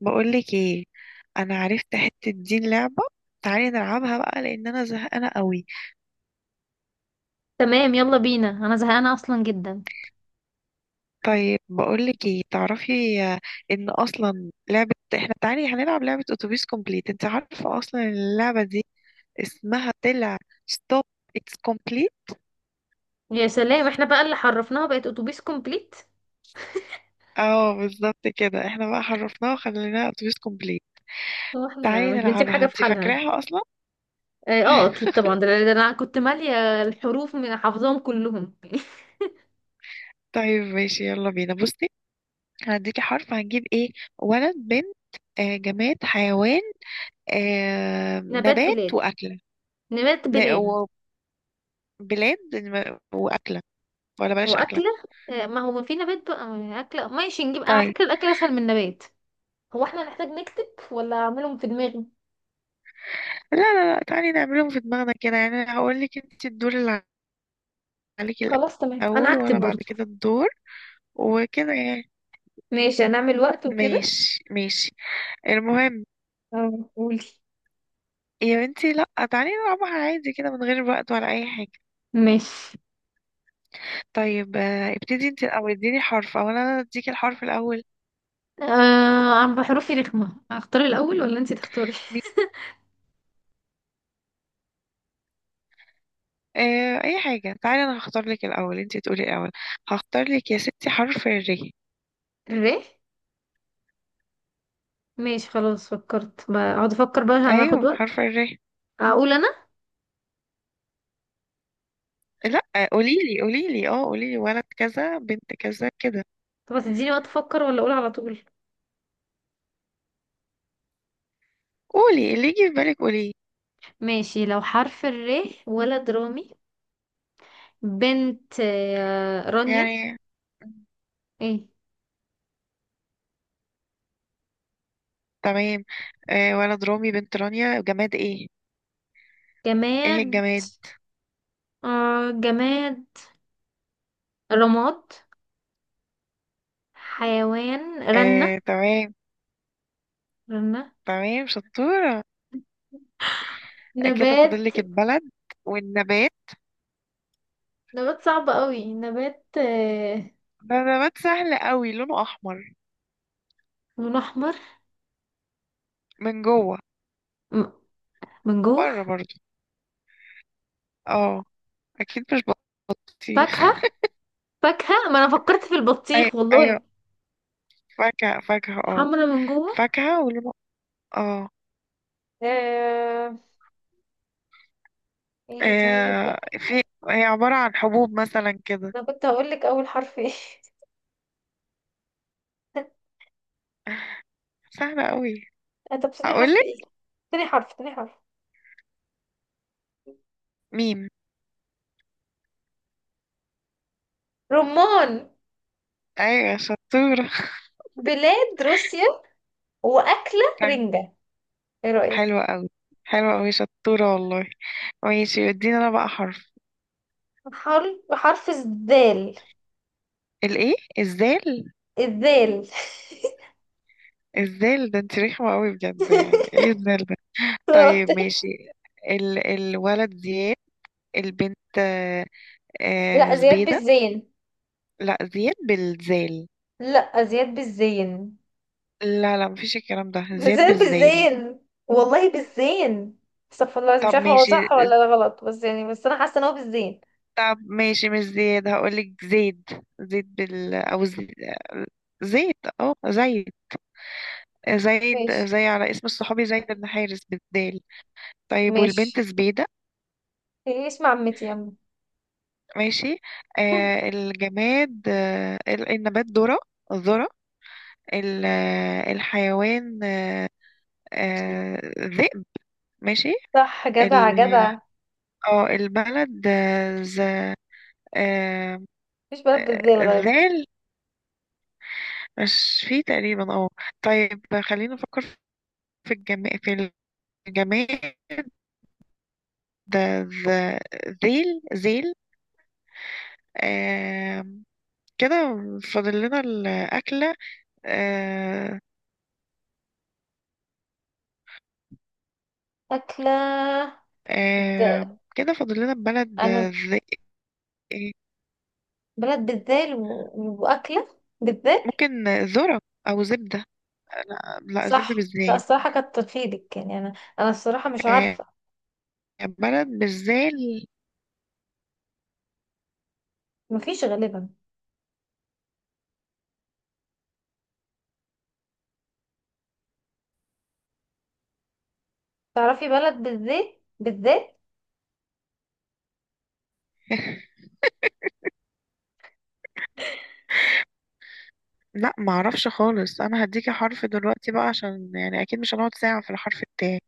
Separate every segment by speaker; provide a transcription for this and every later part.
Speaker 1: بقولك ايه، انا عرفت حتة دين لعبة. تعالي نلعبها بقى لان انا زهقانة قوي.
Speaker 2: تمام، يلا بينا. انا زهقانه اصلا جدا.
Speaker 1: طيب بقولك ايه، تعرفي ان اصلا لعبة احنا، تعالي هنلعب لعبة اتوبيس كومبليت. انت عارفة اصلا إن اللعبة دي اسمها طلع ستوب اتس كومبليت.
Speaker 2: يا سلام، احنا بقى اللي حرفناها بقت اتوبيس كومبليت.
Speaker 1: اه بالظبط كده، احنا بقى حرفناها وخليناها اتوبيس كومبليت.
Speaker 2: اه، احنا
Speaker 1: تعالي
Speaker 2: مش بنسيب
Speaker 1: نلعبها،
Speaker 2: حاجه في
Speaker 1: انت
Speaker 2: حالها.
Speaker 1: فاكراها اصلا؟
Speaker 2: اه، اكيد طبعا. ده انا كنت ماليه الحروف، من حافظاهم كلهم.
Speaker 1: طيب ماشي يلا بينا. بصي هديكي حرف، هنجيب ايه؟ ولد، بنت، جماد، حيوان، آه
Speaker 2: نبات
Speaker 1: نبات
Speaker 2: بلاد.
Speaker 1: وأكلة.
Speaker 2: نبات
Speaker 1: ن-
Speaker 2: بلاد
Speaker 1: وبلاد وأكلة، ولا بلاش أكلة.
Speaker 2: واكله. ما هو في نبات بقى، اكله. ماشي، نجيب. على
Speaker 1: طيب
Speaker 2: فكره الاكل اسهل من النبات. هو احنا هنحتاج نكتب ولا اعملهم في دماغي؟
Speaker 1: لا لا لا، تعالي نعملهم في دماغنا كده، يعني هقول لك انت الدور اللي عليكي
Speaker 2: خلاص تمام، انا
Speaker 1: الأول، وأنا
Speaker 2: هكتب
Speaker 1: بعد
Speaker 2: برضو.
Speaker 1: كده الدور وكده يعني.
Speaker 2: ماشي، هنعمل وقت وكده.
Speaker 1: ماشي ماشي، المهم.
Speaker 2: اه، قولي.
Speaker 1: يا بنتي لا، تعالي نلعبها عادي كده من غير وقت ولا أي حاجة.
Speaker 2: ماشي.
Speaker 1: طيب ابتدي انت الأول، اديني حرف أو أنا اديكي الحرف الأول.
Speaker 2: آه، عم بحروفي رخمة. اختار الأول ولا انتي تختاري؟
Speaker 1: مي- أي حاجة، تعالي أنا هختار لك الأول، انت تقولي الأول. هختار لك يا ستي حرف الري.
Speaker 2: الري. ماشي خلاص، اقعد افكر بقى عشان
Speaker 1: ايوه
Speaker 2: هناخد وقت.
Speaker 1: حرف الر.
Speaker 2: اقول انا؟
Speaker 1: لا، قوليلي قوليلي، اه قوليلي ولد كذا بنت كذا كده.
Speaker 2: طب هتديني وقت افكر ولا اقول على طول؟
Speaker 1: قولي اللي يجي في بالك قوليه.
Speaker 2: ماشي، لو حرف الري: ولد رامي، بنت رانيا.
Speaker 1: يعني
Speaker 2: ايه؟
Speaker 1: تمام. آه ولد رامي، بنت رانيا، جماد ايه؟
Speaker 2: جماد،
Speaker 1: ايه الجماد؟
Speaker 2: جماد رماد. حيوان رنة.
Speaker 1: آه تمام،
Speaker 2: رنة.
Speaker 1: تمام شطورة. كده فاضل لك
Speaker 2: نبات.
Speaker 1: البلد والنبات.
Speaker 2: نبات صعب قوي، نبات آه.
Speaker 1: ده نبات سهل قوي، لونه احمر
Speaker 2: لون احمر.
Speaker 1: من جوه،
Speaker 2: م- من جوه.
Speaker 1: بره برضو. اه اكيد. مش
Speaker 2: فاكهة.
Speaker 1: بطيخ؟
Speaker 2: فاكهة، ما انا فكرت في البطيخ والله.
Speaker 1: ايوه فاكهة، فاكهة اه،
Speaker 2: حمرا من جوه.
Speaker 1: فاكهة ولونه اه.
Speaker 2: آه... ايه طيب.
Speaker 1: في، هي عبارة عن حبوب مثلا كده.
Speaker 2: انا كنت هقول لك اول حرف ايه.
Speaker 1: سهلة قوي.
Speaker 2: طب ثاني حرف
Speaker 1: هقولك
Speaker 2: ايه. تاني حرف.
Speaker 1: ميم.
Speaker 2: رمان.
Speaker 1: ايوه شطورة.
Speaker 2: بلاد روسيا. واكلة رنجة. ايه رأيك؟
Speaker 1: حلوة قوي، حلوة قوي شطورة والله. ماشي، ادينا انا بقى حرف.
Speaker 2: حرف الذال.
Speaker 1: الايه؟ الزال.
Speaker 2: الذال.
Speaker 1: الزال ده؟ انت رخمة قوي بجد، يعني ايه الزال ده؟
Speaker 2: أنا قلت
Speaker 1: طيب
Speaker 2: لك-
Speaker 1: ماشي. الولد زياد، البنت
Speaker 2: لا، زياد
Speaker 1: زبيدة.
Speaker 2: بالزين.
Speaker 1: لا زياد بالزال.
Speaker 2: لا، زياد بالزين.
Speaker 1: لا لا، مفيش الكلام ده، زياد
Speaker 2: بالذات
Speaker 1: بالزال.
Speaker 2: بالزين. والله بالزين. استغفر الله العظيم، مش
Speaker 1: طب
Speaker 2: عارفه هو
Speaker 1: ماشي،
Speaker 2: صح ولا ده غلط، بس يعني، بس انا حاسه ان هو بالزين.
Speaker 1: طب ماشي، مش زياد، هقولك زيد. زيد بال او زي... زيد اه زيد. زيد
Speaker 2: ماشي
Speaker 1: زي، على اسم الصحابي زيد بن حارس بالدال. طيب والبنت
Speaker 2: ماشي.
Speaker 1: زبيدة.
Speaker 2: إيه، اسم عمتي يا عم.
Speaker 1: ماشي. آه الجماد، آه النبات ذرة. ذرة. الحيوان آه، ذئب. ماشي.
Speaker 2: صح،
Speaker 1: ال
Speaker 2: جدع جدع.
Speaker 1: اه البلد ز آه،
Speaker 2: مفيش بلد بالذال غالبا.
Speaker 1: ذال. مش فيه تقريبا اه. طيب خلينا نفكر في في الجماد ده. ذ- ذيل ذيل. آم، كده فاضل لنا الأكلة آه،
Speaker 2: أكلة. د-
Speaker 1: كده فاضل لنا البلد
Speaker 2: أنا
Speaker 1: إيه،
Speaker 2: بلد بالذال وأكلة بالذال.
Speaker 1: ممكن ذرة أو زبدة. لا لا،
Speaker 2: صح.
Speaker 1: زبدة
Speaker 2: لا
Speaker 1: بالزين.
Speaker 2: الصراحة، كتر خيرك. يعني أنا، أنا الصراحة مش
Speaker 1: آه،
Speaker 2: عارفة.
Speaker 1: بلد بالزال.
Speaker 2: مفيش غالبا. تعرفي بلد بالذال بالذال؟
Speaker 1: لا معرفش خالص. أنا هديكي حرف دلوقتي بقى، عشان يعني أكيد مش هنقعد ساعة في الحرف بتاعي.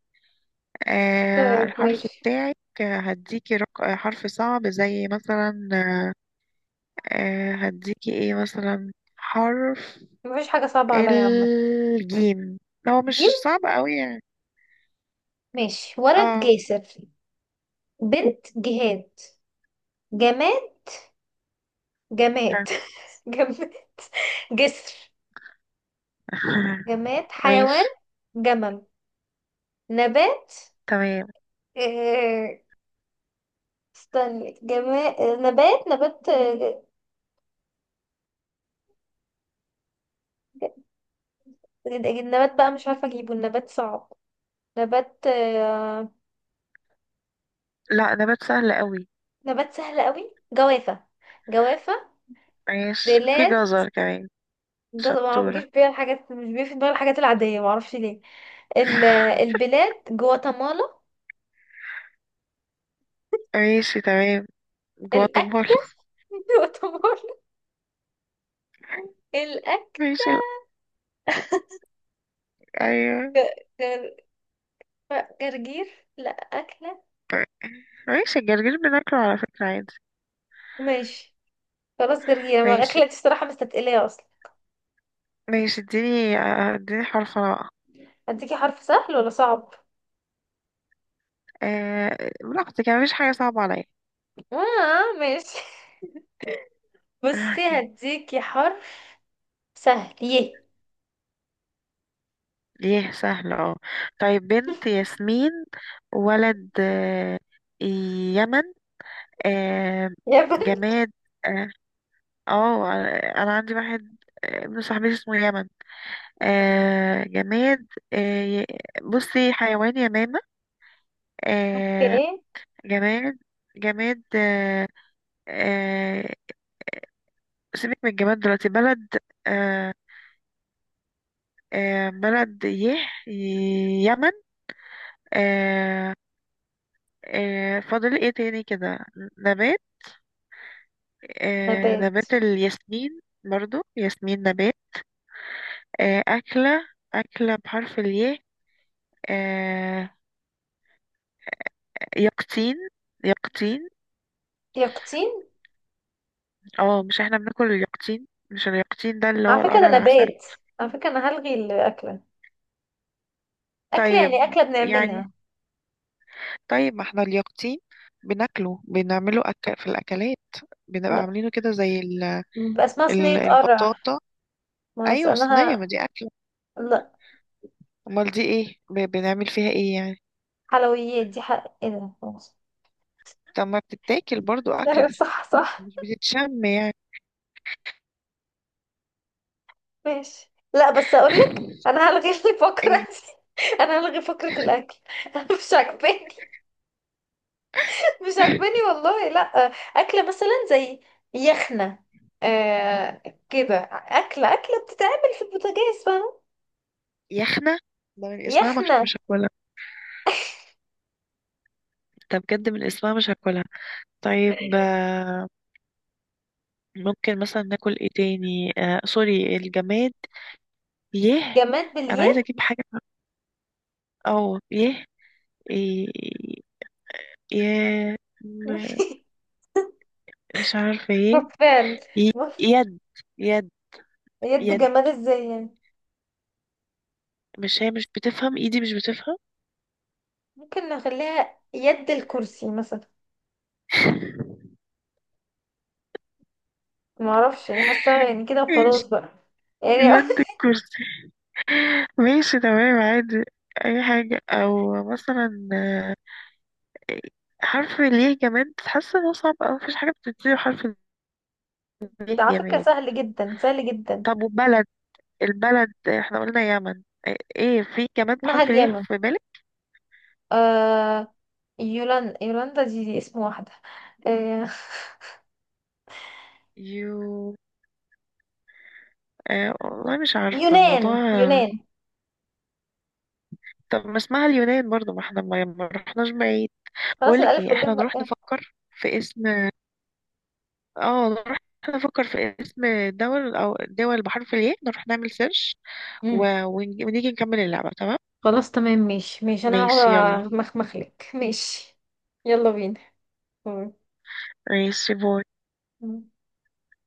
Speaker 2: طيب
Speaker 1: الحرف
Speaker 2: ماشي.
Speaker 1: بتاعك هديكي حرف صعب زي مثلا. أه هديكي ايه مثلا حرف؟
Speaker 2: مفيش حاجة صعبة عليا يا عم.
Speaker 1: الجيم. هو
Speaker 2: جيم.
Speaker 1: مش صعب قوي يعني.
Speaker 2: ماشي، ولد
Speaker 1: اه.
Speaker 2: جاسر، بنت جهاد، جماد، جماد، جماد جسر. جماد حيوان
Speaker 1: ماشي
Speaker 2: جمل. نبات
Speaker 1: تمام.
Speaker 2: آه، استني. جماد نبات نبات آه، النبات بقى مش عارفة اجيبه، النبات صعب. نبات آه،
Speaker 1: لا نبات سهل قوي.
Speaker 2: نبات سهل قوي: جوافة. جوافة.
Speaker 1: ماشي في
Speaker 2: بلاد.
Speaker 1: جزر كمان.
Speaker 2: ما بيجيش
Speaker 1: شطورة.
Speaker 2: بيها الحاجات، مش بيجي في دماغي الحاجات العادية، معرفش ليه. البلاد جواتيمالا.
Speaker 1: ماشي تمام،
Speaker 2: الأكل.
Speaker 1: جواتيمالا.
Speaker 2: يعتبر الأكل
Speaker 1: ماشي ايوه.
Speaker 2: جر... جرجير. لا أكلة،
Speaker 1: ماشي الجرجير بناكله على فكرة عادي.
Speaker 2: ماشي خلاص. جرجير ما
Speaker 1: ماشي
Speaker 2: أكلة، دي الصراحة مستتقلية أصلا.
Speaker 1: ماشي، اديني اديني حرف انا بقى.
Speaker 2: هديكي حرف سهل ولا صعب؟
Speaker 1: أه براحتك، يعني مفيش حاجة صعبة عليا.
Speaker 2: آه ماشي. بصي، هديكي حرف سهل يه.
Speaker 1: ايه سهل اه. طيب بنت ياسمين، ولد يمن. آه،
Speaker 2: يا بنت.
Speaker 1: جماد اه. آه، انا عندي واحد، ابن صاحبتي اسمه يمن.
Speaker 2: آه.
Speaker 1: جماد آه، بصي، حيوان يمامة. آه،
Speaker 2: أوكي.
Speaker 1: جماد، جماد. آه، سيبك من الجماد دلوقتي. بلد آه، بلد يه، يمن. آه، فاضل ايه تاني كده؟ نبات، آه نبات
Speaker 2: نبات
Speaker 1: الياسمين برضو، ياسمين نبات. آه أكلة، أكلة بحرف الياء. آه يقطين، يقطين.
Speaker 2: يقطين.
Speaker 1: اه مش احنا بناكل اليقطين؟ مش اليقطين ده اللي هو
Speaker 2: على فكرة
Speaker 1: القرع
Speaker 2: ده
Speaker 1: العسل؟
Speaker 2: نبات. على فكرة أنا هلغي الأكلة. أكلة
Speaker 1: طيب
Speaker 2: يعني أكلة
Speaker 1: يعني.
Speaker 2: بنعملها.
Speaker 1: طيب ما احنا اليقطين بناكله، بنعمله في الأكلات، بنبقى
Speaker 2: لا،
Speaker 1: عاملينه كده زي
Speaker 2: بيبقى اسمها صينية قرع.
Speaker 1: البطاطا.
Speaker 2: ما
Speaker 1: أيوة
Speaker 2: أنا
Speaker 1: صينية، ما
Speaker 2: ه-
Speaker 1: دي أكلة.
Speaker 2: لا،
Speaker 1: أمال دي ايه؟ بنعمل فيها ايه يعني؟
Speaker 2: حلويات دي، حق ايه ده، خلاص.
Speaker 1: طب ما بتتاكل برضو أكل،
Speaker 2: ايوه، صح صح.
Speaker 1: مش بتتشم يعني.
Speaker 2: ماشي، لا بس اقول لك انا هلغي الفقره دي. انا هلغي فقره الاكل. مش عاجباني. مش عاجباني والله، لا. اكله مثلا زي يخنه، آه، كده. اكله بتتعمل في البوتاجاز، فاهمه.
Speaker 1: يخنة، ده من اسمها مش
Speaker 2: يخنه.
Speaker 1: مش هاكلها. ده بجد من اسمها مش هاكلها. طيب ممكن مثلا ناكل ايه تاني، آه سوري الجماد يه.
Speaker 2: جماد
Speaker 1: انا عايزة
Speaker 2: باليه.
Speaker 1: اجيب حاجة او يه إيه- يه م- مش عارفة ايه.
Speaker 2: فعلا.
Speaker 1: ي- يد، يد
Speaker 2: يد.
Speaker 1: يد.
Speaker 2: جماد ازاي يعني؟
Speaker 1: مش هي مش بتفهم ايدي، مش بتفهم.
Speaker 2: ممكن نخليها يد الكرسي مثلا. ما اعرفش، يعني حاسه يعني كده
Speaker 1: ماشي
Speaker 2: وخلاص بقى. يعني
Speaker 1: يد الكرسي. ماشي تمام عادي، اي حاجة. او مثلا حرف الياء جماد، حاسة انه صعب اوي، مفيش حاجة بتبتدي بحرف الياء
Speaker 2: على فكره
Speaker 1: جماد.
Speaker 2: سهل جدا، سهل جدا.
Speaker 1: طب وبلد، البلد احنا قلنا يمن. ايه في جماد
Speaker 2: مع
Speaker 1: بحرف الياء
Speaker 2: اليمن.
Speaker 1: في بالك؟
Speaker 2: آه، يولان يولاندا، دي اسم واحدة. آه،
Speaker 1: يو والله مش عارفة الموضوع.
Speaker 2: يونان.
Speaker 1: طب ما اسمها اليونان برضو، ما احنا ما رحناش بعيد.
Speaker 2: خلاص،
Speaker 1: بقولك ايه،
Speaker 2: الألف
Speaker 1: احنا
Speaker 2: واللام
Speaker 1: نروح
Speaker 2: بقى.
Speaker 1: نفكر في اسم، اه نروح نفكر في اسم دول، او دول بحرف الياء. نروح نعمل سيرش
Speaker 2: مم.
Speaker 1: و... ونيجي نكمل اللعبة. تمام
Speaker 2: خلاص تمام، ماشي ماشي. أنا
Speaker 1: ماشي يلا.
Speaker 2: هقعد أمخمخلك. ماشي، يلا بينا.
Speaker 1: ماشي باي.
Speaker 2: مم.